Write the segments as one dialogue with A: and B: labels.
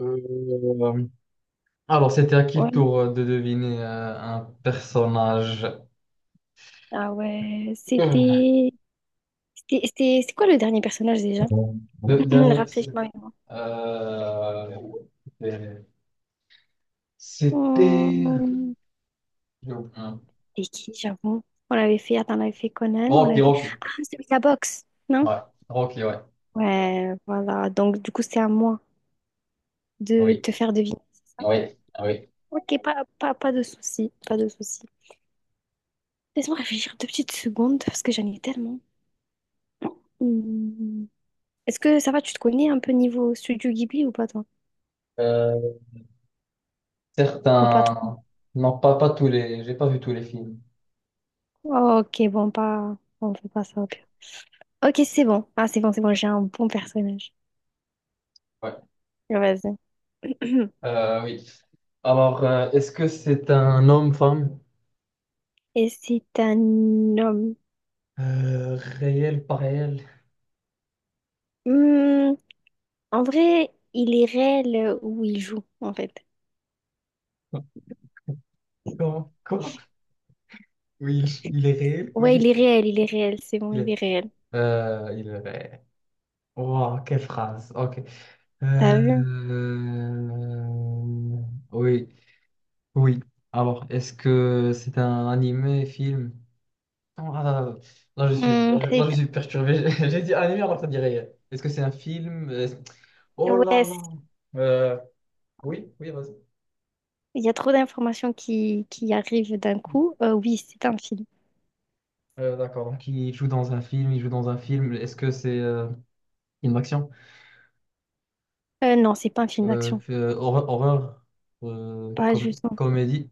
A: Euh, alors, c'était à qui le
B: Ouais.
A: tour de deviner un personnage?
B: Ah ouais, c'était... c'est quoi le dernier personnage déjà?
A: Le dernier, c'est-
B: Rafraîchis-moi. La mémoire.
A: euh, c'était. c'était-
B: Hmm,
A: j'ai oublié.
B: C'était qui, j'avoue? On avait fait... Attends, on avait fait Conan, on avait fait...
A: Rocky.
B: Ah, celui de la boxe, non?
A: Ouais, Rocky, ouais.
B: Ouais, voilà. Donc, du coup, c'est à moi de
A: Oui,
B: te faire deviner, c'est ça?
A: oui, oui.
B: Ok, pas de souci, pas de souci. Laisse-moi réfléchir deux petites secondes, parce que j'en ai tellement. Hmm. Est-ce que ça va, tu te connais un peu niveau Studio Ghibli ou pas, toi?
A: Euh,
B: Ou pas trop?
A: Certains. Non, pas tous les. J'ai pas vu tous les films.
B: Ok, bon, pas... On fait pas ça, au pire. Ok, c'est bon. Ah, c'est bon, j'ai un bon personnage.
A: Ouais.
B: Vas-y.
A: Oui. Alors, est-ce que c'est un homme, femme?
B: Et c'est un homme.
A: Euh, Réel, pas réel?
B: Hmm, En vrai, il est réel où il joue, en fait.
A: Comment? Quoi? Oui, il est réel,
B: Ouais,
A: oui.
B: il est réel, c'est bon,
A: Il
B: il est
A: est,
B: réel.
A: il est réel. Wow, quelle phrase. Ok.
B: T'as
A: Euh,
B: vu?
A: Oui, oui. Alors, est-ce que c'est un animé, film? Oh là là,
B: Hmm, c'est...
A: je suis perturbé. J'ai dit animé alors que ça dit réel. Est-ce que c'est un film? Oh là
B: Ouais, c'est-
A: là. Euh, oui, oui, vas-y.
B: il y a trop d'informations qui arrivent d'un coup. Oui, c'est un film.
A: D'accord. Donc, il joue dans un film. Est-ce que c'est une action?
B: Non, c'est pas un film d'action.
A: Horreur,
B: Pas justement.
A: comédie,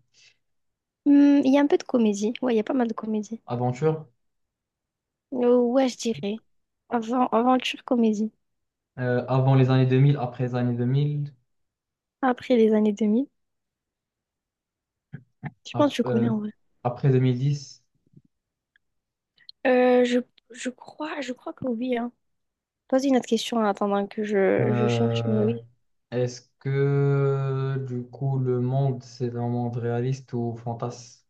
B: Hmm, il y a un peu de comédie. Ouais, il y a pas mal de comédie.
A: aventure.
B: Ouais, je dirais. Avant, aventure comédie.
A: Avant les années 2000, après les années 2000,
B: Après les années 2000. Je pense
A: ap-
B: que je connais
A: euh,
B: en vrai.
A: après 2010.
B: Euh, je, je crois que oui, hein. Pose une autre question en attendant que je cherche, mais
A: Euh,
B: oui.
A: Est-ce que du coup le monde c'est un monde réaliste ou fantasme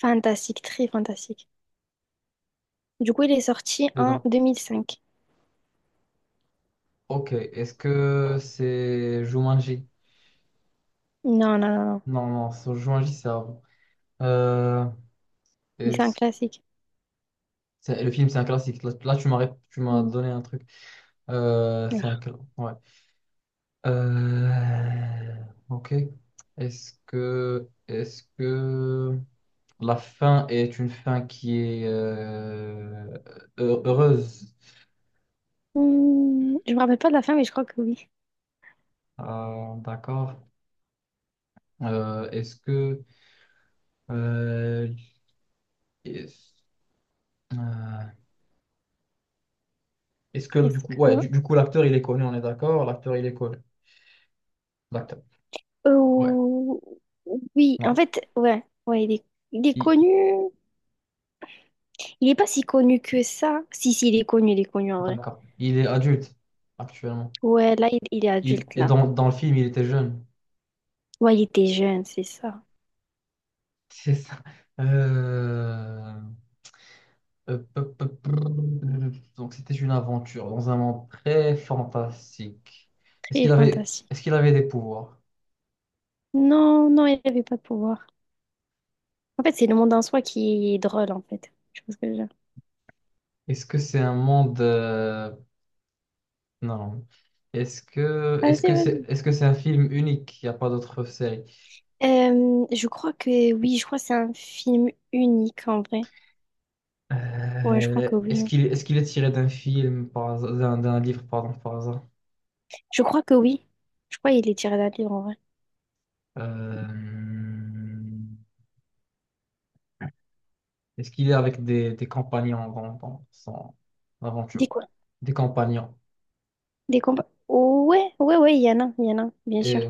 B: Fantastique, très fantastique. Du coup, il est sorti en
A: dedans?
B: 2005.
A: Ok. Est-ce que c'est Jumanji?
B: Non, non, non, non.
A: Non, non, c'est- Jumanji c'est avant. Euh,
B: Mais c'est un
A: est-ce-
B: classique.
A: Le film c'est un classique. Tu m'as
B: Hmm.
A: donné un truc. C'est un classique. Euh, ok. Est-ce que la fin est une fin qui est heureuse?
B: Hmm, je me rappelle pas de la fin, mais je crois que oui.
A: Ah, d'accord. Est-ce que, euh, est-ce euh, est-ce que du
B: Est-ce
A: coup,
B: que...
A: ouais, du coup, l'acteur il est connu, on est d'accord? L'acteur il est connu. L'acteur. Ouais,
B: Oh, oui, en
A: ouais.
B: fait, ouais. Ouais, il est
A: Il-
B: connu. Il est pas si connu que ça. Si, si, il est connu en vrai.
A: d'accord. Il est adulte actuellement.
B: Ouais, là, il est
A: Il,
B: adulte,
A: et
B: là.
A: dans, dans le film, il était jeune.
B: Ouais, il était jeune, c'est ça.
A: C'est ça. Euh, Hop, hop, hop, hop. Donc c'était une aventure dans un monde très fantastique.
B: Très fantastique.
A: Est-ce qu'il avait des pouvoirs?
B: Non, non, il n'avait pas de pouvoir. En fait, c'est le monde en soi qui est drôle, en fait. Je pense que je veux dire.
A: Est-ce que c'est un monde... Non, non.
B: Vas-y, vas
A: Est-ce que c'est un film unique? Il n'y a pas d'autre série.
B: Je crois que oui, je crois que c'est un film unique, en vrai. Ouais, je crois que oui. hein.
A: Est-ce qu'il est tiré d'un, d'un livre, pardon, par hasard?
B: Je crois que oui. Je crois qu'il est tiré d'un livre, en vrai.
A: Euh, Est-ce qu'il est avec des compagnons dans, dans son aventure?
B: Des quoi?
A: Des compagnons.
B: Des combats. Ouais, ouais, ouais, il y en a, il y en a, bien sûr.
A: Et,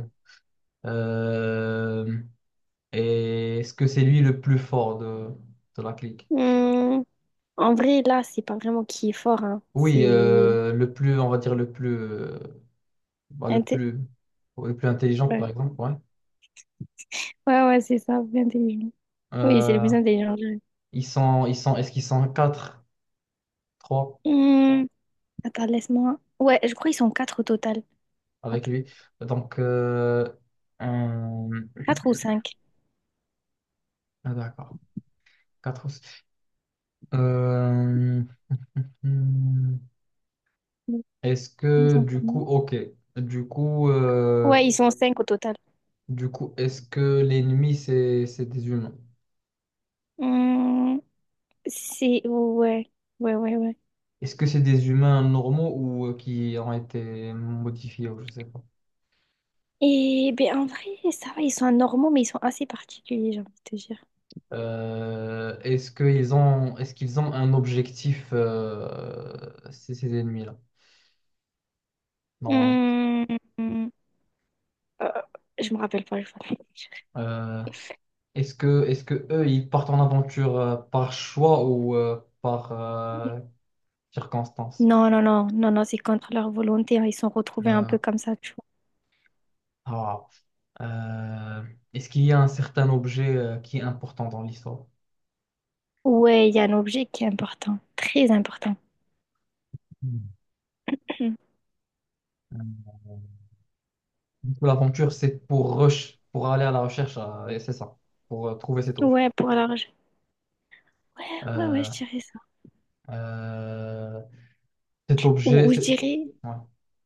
A: euh, Et est-ce que c'est lui le plus fort de la clique?
B: Hum, En vrai, là, c'est pas vraiment qui est fort, hein.
A: Oui,
B: C'est...
A: le plus, on va dire le plus, bah, le
B: inté-
A: plus, ouais, le plus intelligent,
B: Ouais,
A: par exemple, ouais.
B: ouais, ouais, c'est ça, intelligent. Oui, c'est le
A: Euh,
B: plus intelligent. Je dirais.
A: est-ce qu'ils sont quatre, trois
B: Hum, Attends, laisse-moi. Ouais, je crois qu'ils sont quatre au total.
A: avec
B: Attends,
A: lui? Donc, euh, un-
B: 4 ou 5,
A: ah, d'accord, quatre. Aussi. Euh, hmm, est-ce
B: ils
A: que
B: sont
A: du coup,
B: combien?
A: ok, du coup, euh,
B: Ouais, ils sont 5 au total.
A: du coup, Est-ce que l'ennemi, c'est des humains?
B: Hum, c'est... Ouais, ouais, ouais, ouais.
A: Est-ce que c'est des humains normaux ou qui ont été modifiés ou je sais pas.
B: Et ben en vrai, ça va, ils sont normaux, mais ils sont assez particuliers, j'ai envie de te dire.
A: Est-ce qu'ils ont un objectif, ces ennemis-là, normalement?
B: Hum, hum, euh, je me rappelle pas, je vais pas te mentir.
A: Euh, est-ce que eux, ils partent en aventure par choix ou par circonstance?
B: Non, non, non, non, non, c'est contre leur volonté. Hein, Ils sont retrouvés un
A: Euh,
B: peu comme ça, tu vois.
A: ah, euh, Est-ce qu'il y a un certain objet qui est important dans l'histoire?
B: Ouais, il y a un objet qui est important, très important.
A: Hmm. Pour l'aventure, c'est pour rush, pour aller à la recherche, et c'est ça, pour trouver cet objet.
B: Ouais, pour l'argent. Ouais, ouais, ouais,
A: Euh,
B: je dirais ça.
A: euh, Cet objet,
B: Ou je
A: c'est...
B: dirais,
A: ouais.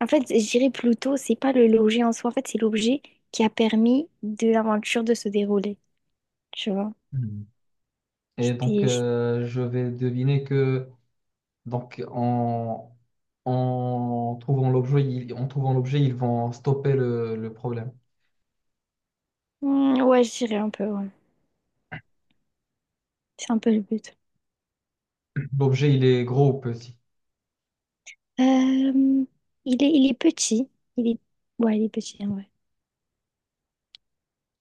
B: en fait, je dirais plutôt, c'est pas le- l'objet en soi, en fait, c'est l'objet qui a permis de l'aventure de se dérouler, tu vois.
A: Mhm. Et donc,
B: C'était...
A: je vais deviner que, donc, en, en trouvant l'objet, en trouvant l'objet, ils vont stopper le problème.
B: Hmm, ouais, je dirais un peu, ouais. C'est un peu le but.
A: L'objet, il est gros ou petit?
B: Euh, il est petit. Il est... Ouais, il est petit, en vrai.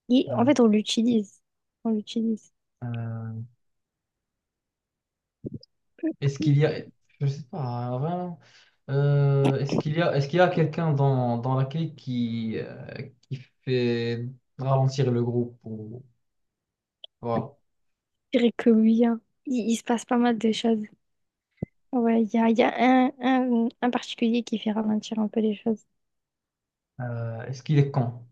B: Il-
A: Euh,
B: En fait, on l'utilise. On l'utilise.
A: euh, Est-ce qu'il y a, je sais pas, vraiment, est-ce qu'il y a, est-ce qu'il y a quelqu'un dans, dans la clique qui fait ralentir le groupe ou, voilà.
B: Je dirais que oui, hein. Il se passe pas mal de choses. Ouais, il y a un particulier qui fait ralentir un peu les choses.
A: Est-ce qu'il est con?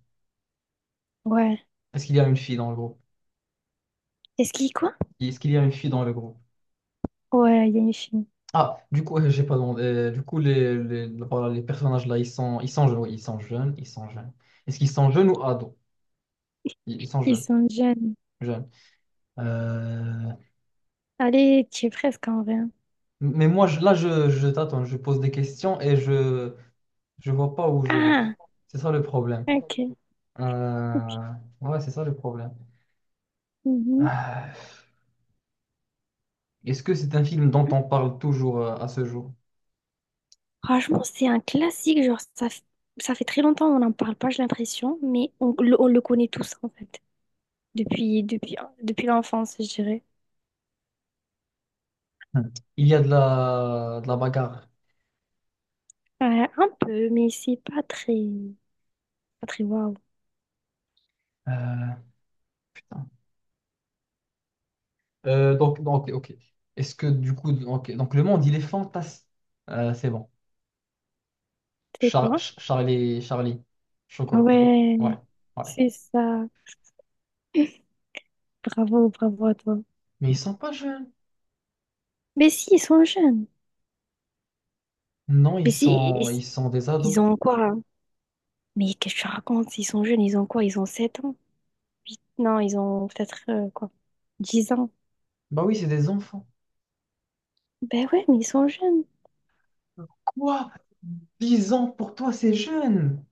B: Ouais.
A: Est-ce qu'il y a une fille dans le groupe?
B: Est-ce qu'il quoi?
A: Est-ce qu'il y a une fille dans le groupe?
B: Ouais, il y a une fille.
A: Ah, du coup, j'ai pas demandé. Du coup, voilà, les personnages là, ils sont jeunes, oui, ils sont jeunes. Est-ce qu'ils sont jeunes ou ados? Ils sont
B: Ils
A: jeunes,
B: sont jeunes.
A: jeunes. Euh,
B: Allez, tu es presque en vrai. Hein.
A: mais moi, je t'attends, je pose des questions et je vois pas où je vais.
B: Ah,
A: C'est ça le problème.
B: ok. ok.
A: Euh, Ouais, c'est ça le problème.
B: Mhm.
A: Ah, est-ce que c'est un film dont on parle toujours à ce jour?
B: Franchement, c'est un classique. Genre, ça, f- ça fait très longtemps qu'on n'en parle pas, j'ai l'impression, mais on le connaît tous, en fait, depuis, depuis, depuis l'enfance, je dirais.
A: Hmm. Il y a de la bagarre.
B: Ouais, un peu, mais c'est pas très, pas très waouh.
A: Euh, Putain. Donc, ok, ok. Est-ce que du coup, ok. Donc le monde, il est fantastique. C'est bon.
B: C'est quoi?
A: Charlie, Charlie, Chocolat. Hmm. Ouais,
B: Ouais,
A: ouais.
B: c'est ça. Bravo, bravo à toi.
A: Mais ils sont pas jeunes.
B: Mais si, ils sont jeunes.
A: Non,
B: Mais si,
A: ils sont des ados.
B: ils ont quoi? Hein Mais qu'est-ce que tu racontes? Ils sont jeunes, ils ont quoi? Ils ont 7 ans? Huit Non, ils ont peut-être quoi? 10 ans.
A: Bah oui, c'est des enfants.
B: Ben ouais, mais ils sont jeunes.
A: Quoi? 10 ans pour toi, c'est jeune.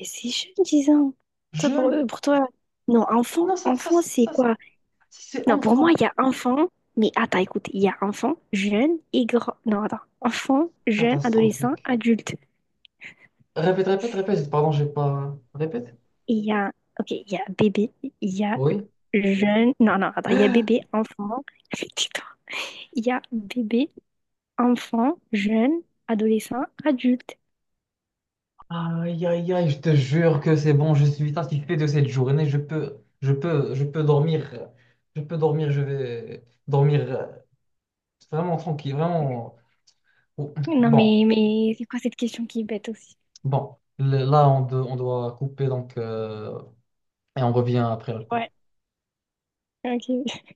B: Mais c'est jeune, 10 ans. Toi, pour
A: Jeune?
B: eux, pour toi. Non,
A: Non,
B: enfant, enfant, c'est
A: ça,
B: quoi?
A: c'est
B: Non, pour moi,
A: enfant.
B: il y a enfant, mais attends, écoute, il y a enfant, jeune et grand. Non, attends. Enfant, jeune, adolescent,
A: Catastrophique.
B: adulte.
A: Répète, répète, répète. Pardon, j'ai pas. Répète.
B: Et il y a, ok, il y a bébé, il y a
A: Oui.
B: jeune. Non, non, attends, il y a bébé, enfant. Tais-toi. Il y a bébé, enfant, jeune, adolescent, adulte.
A: Aïe, aïe, aïe, je te jure que c'est bon, je suis satisfait de cette journée. Je peux dormir. Je peux dormir, je vais dormir vraiment tranquille, vraiment. Ouh,
B: Non,
A: bon,
B: mais c'est quoi cette question qui est bête aussi?
A: bon. On doit couper donc et on revient après la pub.
B: Ouais, ok.